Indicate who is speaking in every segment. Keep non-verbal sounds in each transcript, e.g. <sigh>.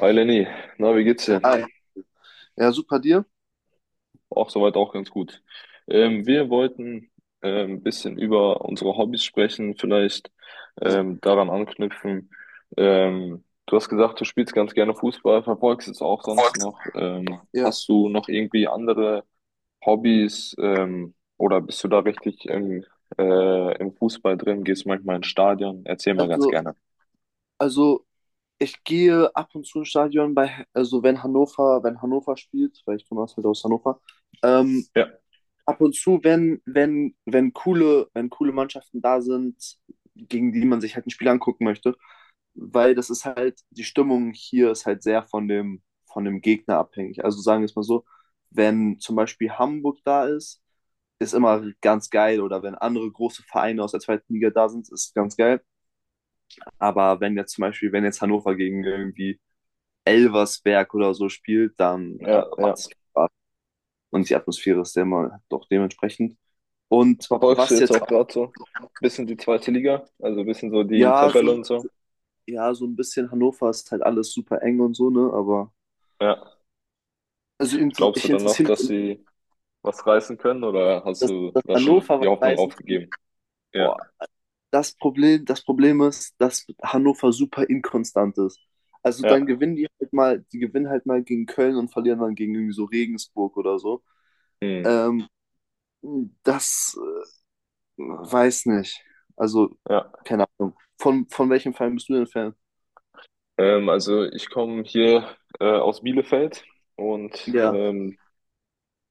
Speaker 1: Hi Lenny, na, wie geht's
Speaker 2: Ja,
Speaker 1: dir?
Speaker 2: hi. Ja, super dir.
Speaker 1: Auch soweit auch ganz gut. Wir wollten ein bisschen über unsere Hobbys sprechen, vielleicht
Speaker 2: Ja,
Speaker 1: daran anknüpfen. Du hast gesagt, du spielst ganz gerne Fußball, verfolgst es auch sonst noch.
Speaker 2: ja.
Speaker 1: Hast du noch irgendwie andere Hobbys oder bist du da richtig im Fußball drin? Gehst manchmal ins Stadion? Erzähl mal ganz
Speaker 2: Also,
Speaker 1: gerne.
Speaker 2: also ich gehe ab und zu ins Stadion bei, also wenn Hannover spielt, weil ich komme halt aus Hannover, ähm,
Speaker 1: Ja,
Speaker 2: ab und zu, wenn coole Mannschaften da sind, gegen die man sich halt ein Spiel angucken möchte, weil das ist halt, die Stimmung hier ist halt sehr von dem Gegner abhängig. Also sagen wir es mal so, wenn zum Beispiel Hamburg da ist, ist immer ganz geil, oder wenn andere große Vereine aus der zweiten Liga da sind, ist ganz geil. Aber wenn jetzt zum Beispiel, wenn jetzt Hannover gegen irgendwie Elversberg oder so spielt, dann
Speaker 1: ja,
Speaker 2: macht
Speaker 1: ja.
Speaker 2: es keinen Spaß. Und die Atmosphäre ist ja immer doch dementsprechend. Und
Speaker 1: Verfolgst du
Speaker 2: was
Speaker 1: jetzt
Speaker 2: jetzt
Speaker 1: auch
Speaker 2: auch,
Speaker 1: gerade so ein bisschen die zweite Liga, also ein bisschen so die
Speaker 2: ja,
Speaker 1: Tabelle
Speaker 2: so,
Speaker 1: und so?
Speaker 2: ja, so ein bisschen. Hannover ist halt alles super eng und so, ne? Aber
Speaker 1: Ja. Glaubst du
Speaker 2: ich
Speaker 1: dann noch,
Speaker 2: interessiere
Speaker 1: dass
Speaker 2: mich,
Speaker 1: sie was reißen können oder hast
Speaker 2: dass,
Speaker 1: du
Speaker 2: dass
Speaker 1: da schon
Speaker 2: Hannover
Speaker 1: die
Speaker 2: was
Speaker 1: Hoffnung
Speaker 2: heißen kann.
Speaker 1: aufgegeben? Ja,
Speaker 2: Boah, das Problem ist, dass Hannover super inkonstant ist. Also dann
Speaker 1: ja,
Speaker 2: gewinnen die halt mal, die gewinnen halt mal gegen Köln und verlieren dann gegen irgendwie so Regensburg oder so.
Speaker 1: hm.
Speaker 2: Ähm, Das weiß nicht. Also,
Speaker 1: Ja.
Speaker 2: keine Ahnung. Von welchem Verein bist du denn Fan?
Speaker 1: Also ich komme hier aus Bielefeld und
Speaker 2: Ja.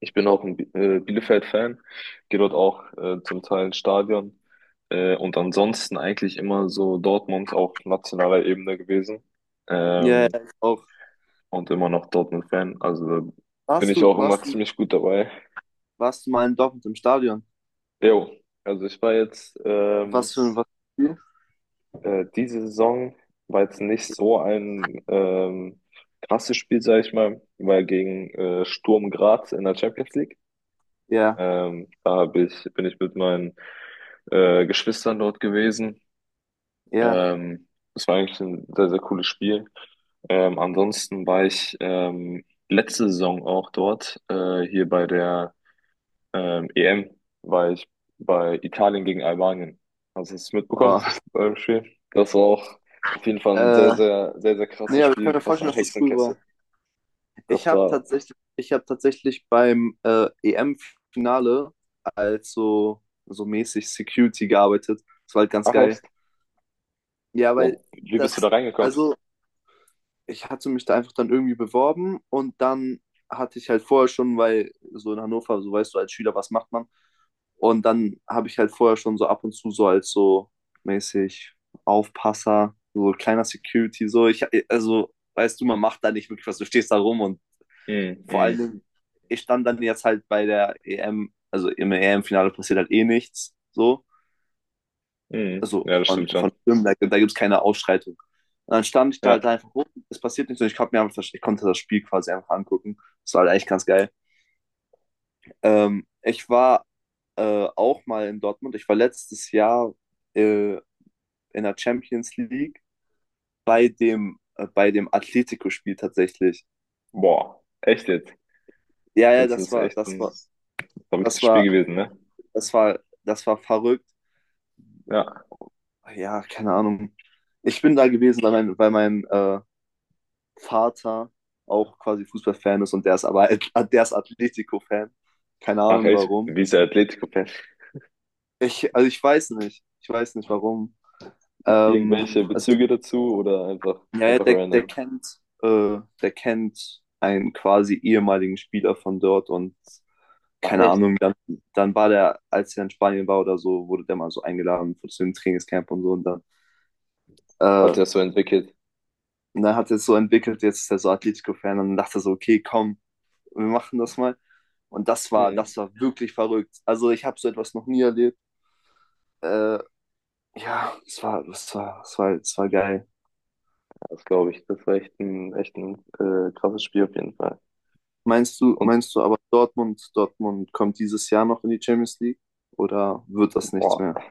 Speaker 1: ich bin auch ein Bi Bielefeld-Fan, gehe dort auch zum Teil ins Stadion und ansonsten eigentlich immer so Dortmund auf nationaler Ebene gewesen.
Speaker 2: Ja,
Speaker 1: Ähm,
Speaker 2: ja, ich auch.
Speaker 1: und immer noch Dortmund-Fan. Also bin
Speaker 2: Warst
Speaker 1: ich
Speaker 2: du,
Speaker 1: auch immer
Speaker 2: warst du,
Speaker 1: ziemlich gut dabei.
Speaker 2: warst du mal in Dortmund im Stadion?
Speaker 1: Jo, also ich war jetzt
Speaker 2: Was für ein, was für ein Spiel?
Speaker 1: diese Saison war jetzt nicht so ein krasses Spiel, sag ich mal, weil gegen Sturm Graz in der Champions League.
Speaker 2: Ja,
Speaker 1: Bin ich mit meinen Geschwistern dort gewesen.
Speaker 2: ja.
Speaker 1: Ähm, Das war eigentlich ein sehr, sehr cooles Spiel. Ansonsten war ich letzte Saison auch dort, hier bei der EM war ich bei Italien gegen Albanien. Hast du es mitbekommen
Speaker 2: Oh.
Speaker 1: beim Spiel? Das war auch auf jeden Fall ein sehr,
Speaker 2: Äh,
Speaker 1: sehr, sehr, sehr
Speaker 2: Nee,
Speaker 1: krasses
Speaker 2: aber ich kann
Speaker 1: Spiel,
Speaker 2: mir
Speaker 1: krasser
Speaker 2: vorstellen, dass das cool war.
Speaker 1: Hexenkessel.
Speaker 2: Ich
Speaker 1: Das
Speaker 2: habe
Speaker 1: war,
Speaker 2: tatsächlich, ich habe tatsächlich beim EM-Finale als so, so mäßig Security gearbeitet. Das war halt ganz
Speaker 1: Ach
Speaker 2: geil.
Speaker 1: echt?
Speaker 2: Ja, weil
Speaker 1: Boah, wie bist du da
Speaker 2: das,
Speaker 1: reingekommen?
Speaker 2: also ich hatte mich da einfach dann irgendwie beworben. Und dann hatte ich halt vorher schon, weil so in Hannover, so weißt du, als Schüler, was macht man? Und dann habe ich halt vorher schon so ab und zu so als so mäßig Aufpasser, so kleiner Security, so ich, also weißt du, man macht da nicht wirklich was, du stehst da rum und
Speaker 1: Mhm,
Speaker 2: vor allen
Speaker 1: mhm,
Speaker 2: Dingen, ich stand dann jetzt halt bei der EM, also im EM-Finale passiert halt eh nichts. So.
Speaker 1: mhm.
Speaker 2: Also
Speaker 1: Ja, das stimmt schon.
Speaker 2: von Stimmen, da gibt es keine Ausschreitung. Und dann stand ich da halt
Speaker 1: Ja.
Speaker 2: einfach rum, es passiert nichts und ich hab mir einfach, ich konnte das Spiel quasi einfach angucken. Das war halt echt ganz geil. Ich war auch mal in Dortmund. Ich war letztes Jahr äh, in der Champions League bei bei dem Atletico-Spiel tatsächlich.
Speaker 1: Boah, echt jetzt?
Speaker 2: Ja, ja,
Speaker 1: Das
Speaker 2: das
Speaker 1: ist
Speaker 2: war,
Speaker 1: echt
Speaker 2: das
Speaker 1: ein
Speaker 2: war, das
Speaker 1: verrücktes
Speaker 2: war,
Speaker 1: Spiel gewesen, ne?
Speaker 2: das war verrückt.
Speaker 1: Ja.
Speaker 2: Ja, keine Ahnung. Ich bin da gewesen, weil weil mein Vater auch quasi Fußballfan ist, und der ist aber <laughs> der ist Atletico-Fan. Keine
Speaker 1: Ach
Speaker 2: Ahnung
Speaker 1: echt,
Speaker 2: warum.
Speaker 1: wie ist der Atletico-Fan?
Speaker 2: Also ich weiß nicht. Ich weiß nicht warum. Ähm,
Speaker 1: Irgendwelche
Speaker 2: also,
Speaker 1: Bezüge dazu oder einfach,
Speaker 2: ja, ja,
Speaker 1: einfach
Speaker 2: der
Speaker 1: random?
Speaker 2: kennt, der kennt einen quasi ehemaligen Spieler von dort und
Speaker 1: Ach
Speaker 2: keine
Speaker 1: echt?
Speaker 2: Ahnung, dann, dann war der, als er in Spanien war oder so, wurde der mal so eingeladen zu dem Trainingscamp und so. Und dann äh,
Speaker 1: Hat er so entwickelt?
Speaker 2: und dann hat er es so entwickelt, jetzt ist er so Atletico-Fan und dachte so, okay, komm, wir machen das mal. Und das war wirklich verrückt. Also ich habe so etwas noch nie erlebt. Äh, ja, es war geil.
Speaker 1: Das glaube ich, das war echt ein krasses Spiel auf jeden Fall.
Speaker 2: Meinst du,
Speaker 1: Und
Speaker 2: meinst du aber, Dortmund kommt dieses Jahr noch in die Champions League oder wird das nichts
Speaker 1: boah,
Speaker 2: mehr?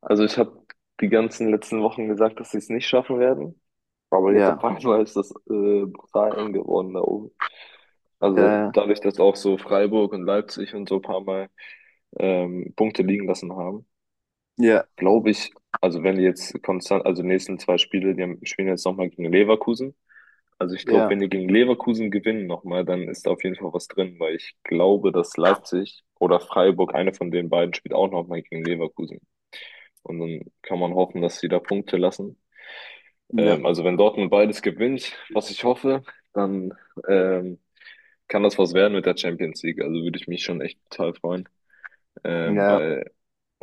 Speaker 1: also ich habe die ganzen letzten Wochen gesagt, dass sie es nicht schaffen werden, aber jetzt auf
Speaker 2: Ja,
Speaker 1: einmal ist das brutal eng geworden da oben. Also
Speaker 2: ja,
Speaker 1: dadurch, dass auch so Freiburg und Leipzig und so ein paar Mal Punkte liegen lassen haben,
Speaker 2: ja,
Speaker 1: glaube ich, also wenn die jetzt konstant, also die nächsten zwei Spiele, spielen jetzt nochmal gegen Leverkusen. Also ich glaube,
Speaker 2: ja,
Speaker 1: wenn die gegen Leverkusen gewinnen nochmal, dann ist da auf jeden Fall was drin, weil ich glaube, dass Leipzig oder Freiburg, eine von den beiden, spielt auch nochmal gegen Leverkusen. Und dann kann man hoffen, dass sie da Punkte lassen.
Speaker 2: ja,
Speaker 1: Also wenn Dortmund beides gewinnt, was ich hoffe, dann ähm, kann das was werden mit der Champions League. Also würde ich mich schon echt total freuen,
Speaker 2: ja,
Speaker 1: weil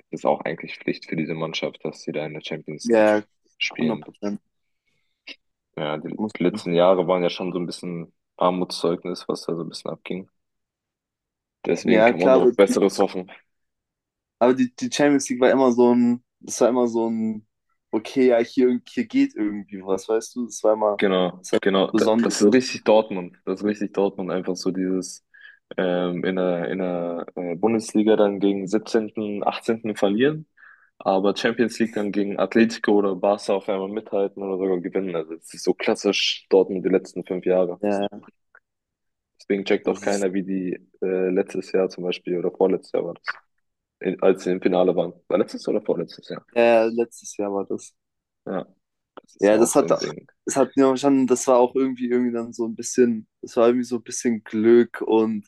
Speaker 1: ist auch eigentlich Pflicht für diese Mannschaft, dass sie da in der Champions League
Speaker 2: ja, 100
Speaker 1: spielen.
Speaker 2: Prozent.
Speaker 1: Ja, die
Speaker 2: Muss-
Speaker 1: letzten Jahre waren ja schon so ein bisschen Armutszeugnis, was da so ein bisschen abging. Deswegen
Speaker 2: Ja,
Speaker 1: kann man
Speaker 2: klar
Speaker 1: noch
Speaker 2: wird.
Speaker 1: Besseres hoffen.
Speaker 2: Aber die, die Champions League war immer so ein, okay, ja, hier, hier geht irgendwie was, weißt du? Das war immer,
Speaker 1: Genau,
Speaker 2: das war
Speaker 1: genau. Das ist
Speaker 2: Besonderes.
Speaker 1: richtig Dortmund. Das ist richtig Dortmund. Einfach so dieses in der Bundesliga dann gegen 17., 18. verlieren, aber Champions League dann gegen Atletico oder Barca auf einmal mithalten oder sogar gewinnen. Also es ist so klassisch Dortmund die letzten fünf Jahre.
Speaker 2: Ja, ja,
Speaker 1: Deswegen checkt auch
Speaker 2: das ist,
Speaker 1: keiner, wie die letztes Jahr zum Beispiel oder vorletztes Jahr war das, als sie im Finale waren. War letztes oder vorletztes Jahr?
Speaker 2: ja, ja, letztes Jahr war das.
Speaker 1: Ja, das ist ja
Speaker 2: Ja,
Speaker 1: auch so ein Ding.
Speaker 2: das hat mir schon, das war auch irgendwie, irgendwie dann so ein bisschen, das war irgendwie so ein bisschen Glück, und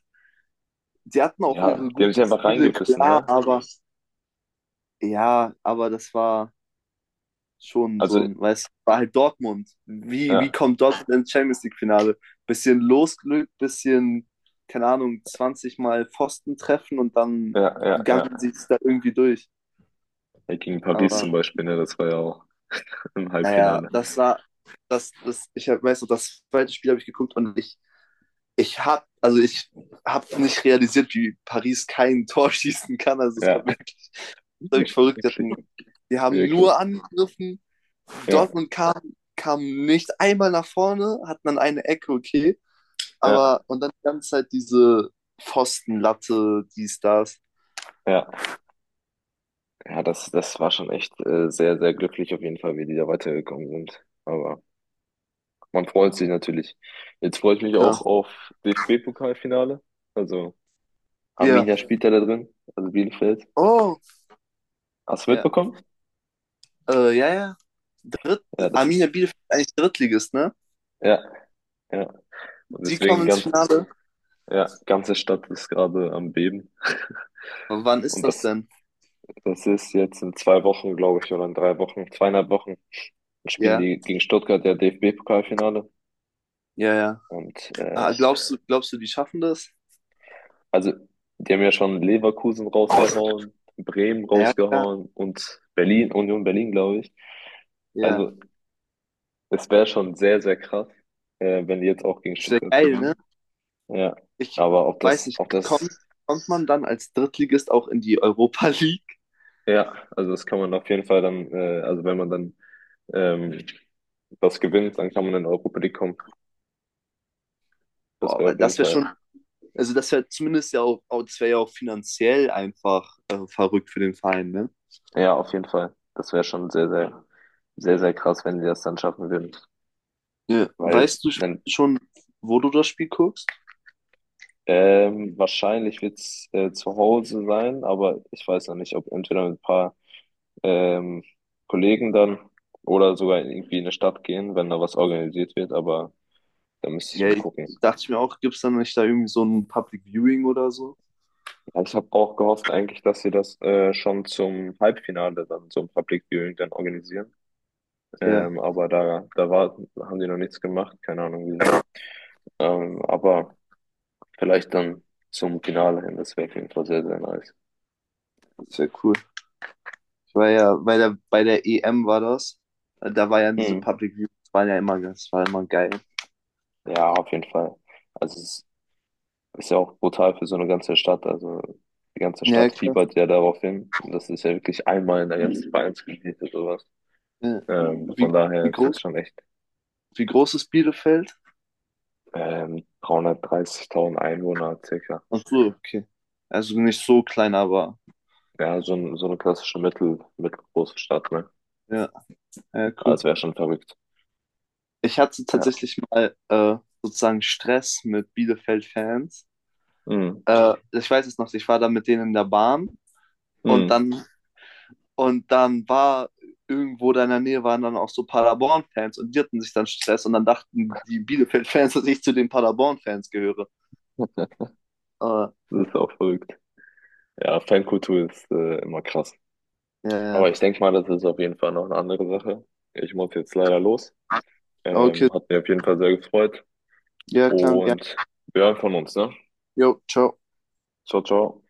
Speaker 2: die hatten auch
Speaker 1: Ja,
Speaker 2: ihre
Speaker 1: die haben sich
Speaker 2: guten
Speaker 1: einfach
Speaker 2: Spiele,
Speaker 1: reingebissen,
Speaker 2: klar,
Speaker 1: ne?
Speaker 2: aber ja, aber das war schon so
Speaker 1: Also,
Speaker 2: ein, weißt du, war halt Dortmund. Wie
Speaker 1: ja,
Speaker 2: kommt Dortmund ins Champions League-Finale? Bisschen Losglück, bisschen, keine Ahnung, 20 Mal Pfosten treffen und
Speaker 1: ja,
Speaker 2: dann
Speaker 1: ja, ja.
Speaker 2: gangen sie es da irgendwie durch.
Speaker 1: Ja, gegen Paris zum
Speaker 2: Aber
Speaker 1: Beispiel, ne? Das war ja auch <laughs> im
Speaker 2: naja,
Speaker 1: Halbfinale.
Speaker 2: das war, ich hab, weiß noch, das zweite Spiel habe ich geguckt und ich habe nicht realisiert, wie Paris kein Tor schießen kann. Also es
Speaker 1: Ja,
Speaker 2: war wirklich, wirklich
Speaker 1: <laughs>
Speaker 2: verrückt. Die
Speaker 1: wirklich,
Speaker 2: hatten, die haben
Speaker 1: wirklich.
Speaker 2: nur angegriffen.
Speaker 1: Ja,
Speaker 2: Dortmund kam, kam nicht einmal nach vorne, hatten dann eine Ecke, okay.
Speaker 1: ja,
Speaker 2: Aber und dann die ganze Zeit diese Pfostenlatte, dies, das.
Speaker 1: ja. Ja, das war schon echt sehr, sehr glücklich auf jeden Fall, wie die da weitergekommen sind. Aber man freut sich natürlich. Jetzt freue ich mich
Speaker 2: Ja.
Speaker 1: auch auf DFB-Pokalfinale. Also
Speaker 2: Ja.
Speaker 1: Arminia spielt er da drin, also Bielefeld.
Speaker 2: Oh.
Speaker 1: Hast du
Speaker 2: Ja.
Speaker 1: mitbekommen?
Speaker 2: Ja, ja. Dritt-
Speaker 1: Ja,
Speaker 2: Arminia Bielefeld ist eigentlich Drittligist, ne?
Speaker 1: ja, ja. Und
Speaker 2: Die kommen
Speaker 1: deswegen
Speaker 2: ins
Speaker 1: ganz,
Speaker 2: Finale.
Speaker 1: ja, ganze Stadt ist gerade am Beben. <laughs>
Speaker 2: Wann ist
Speaker 1: Und
Speaker 2: das
Speaker 1: das,
Speaker 2: denn?
Speaker 1: das ist jetzt in zwei Wochen, glaube ich, oder in drei Wochen, zweieinhalb Wochen, spielen
Speaker 2: Ja,
Speaker 1: die gegen Stuttgart ja DFB-Pokalfinale.
Speaker 2: ja, ja.
Speaker 1: Und
Speaker 2: Ah, glaubst du, die schaffen das?
Speaker 1: also, die haben ja schon Leverkusen rausgehauen, Bremen
Speaker 2: Ja, ja,
Speaker 1: rausgehauen und Union Berlin, glaube ich.
Speaker 2: ja.
Speaker 1: Also, es wäre schon sehr, sehr krass, wenn die jetzt auch gegen
Speaker 2: Es wäre
Speaker 1: Stuttgart
Speaker 2: geil, ne?
Speaker 1: gewinnen. Ja,
Speaker 2: Ich
Speaker 1: aber
Speaker 2: weiß nicht, kommt, kommt man dann als Drittligist auch in die Europa League?
Speaker 1: ja, also das kann man auf jeden Fall dann, also wenn man dann ähm, das gewinnt, dann kann man in die Europa League kommen. Das
Speaker 2: Boah,
Speaker 1: wäre
Speaker 2: weil
Speaker 1: auf jeden
Speaker 2: das wäre
Speaker 1: Fall,
Speaker 2: schon, also das wäre zumindest ja auch, das wäre ja auch finanziell einfach verrückt für den Verein, ne?
Speaker 1: ja, auf jeden Fall. Das wäre schon sehr, sehr, sehr, sehr krass, wenn sie das dann schaffen würden.
Speaker 2: Ja.
Speaker 1: Weil
Speaker 2: Weißt du sch-
Speaker 1: dann
Speaker 2: schon, wo du das Spiel guckst?
Speaker 1: wahrscheinlich wird's zu Hause sein, aber ich weiß noch nicht, ob entweder mit ein paar ähm, Kollegen dann oder sogar irgendwie in eine Stadt gehen, wenn da was organisiert wird, aber da müsste ich
Speaker 2: Ja,
Speaker 1: mal
Speaker 2: ich,
Speaker 1: gucken.
Speaker 2: dachte ich mir auch, gibt es dann nicht da irgendwie so ein Public Viewing oder so?
Speaker 1: Ja, ich habe auch gehofft eigentlich, dass sie das schon zum Halbfinale dann zum Public Viewing dann organisieren.
Speaker 2: Ja,
Speaker 1: Aber da haben die noch nichts gemacht, keine Ahnung wieso. Aber vielleicht dann zum Finale hin, das wäre auf jeden Fall sehr, sehr nice.
Speaker 2: das wäre cool. Ich war ja bei der EM, war das. Da war ja diese
Speaker 1: Hm.
Speaker 2: Public Views, waren ja immer, das war immer geil.
Speaker 1: Ja, auf jeden Fall. Also es ist ja auch brutal für so eine ganze Stadt. Also die ganze
Speaker 2: Ja,
Speaker 1: Stadt
Speaker 2: klar.
Speaker 1: fiebert ja darauf hin. Und das ist ja wirklich einmal in der ganzen Vereinsgeschichte sowas.
Speaker 2: Ja. Wie,
Speaker 1: Von daher
Speaker 2: wie
Speaker 1: ist
Speaker 2: groß,
Speaker 1: das schon echt.
Speaker 2: wie groß ist Bielefeld?
Speaker 1: 330.000 Einwohner circa.
Speaker 2: Ach so, okay. Also nicht so klein, aber
Speaker 1: Ja, so, so eine klassische mittelgroße Stadt, ne?
Speaker 2: ja, ja,
Speaker 1: Aber
Speaker 2: cool.
Speaker 1: es wäre schon verrückt.
Speaker 2: Ich hatte
Speaker 1: Ja.
Speaker 2: tatsächlich mal sozusagen Stress mit Bielefeld-Fans.
Speaker 1: Mhm.
Speaker 2: Ich weiß es noch, ich war da mit denen in der Bahn, und
Speaker 1: Mhm.
Speaker 2: dann, und dann war irgendwo da in der Nähe waren dann auch so Paderborn-Fans, und die hatten sich dann Stress, und dann dachten die Bielefeld-Fans, <laughs> dass ich zu den Paderborn-Fans gehöre. Aber,
Speaker 1: Das ist auch verrückt. Ja, Fankultur ist immer krass.
Speaker 2: ja,
Speaker 1: Aber
Speaker 2: ja.
Speaker 1: ich denke mal, das ist auf jeden Fall noch eine andere Sache. Ich muss jetzt leider los.
Speaker 2: Okay,
Speaker 1: Hat mich auf jeden Fall sehr gefreut.
Speaker 2: ja, klar, ja.
Speaker 1: Und wir hören von uns, ne?
Speaker 2: Jo, ciao.
Speaker 1: Ciao, ciao.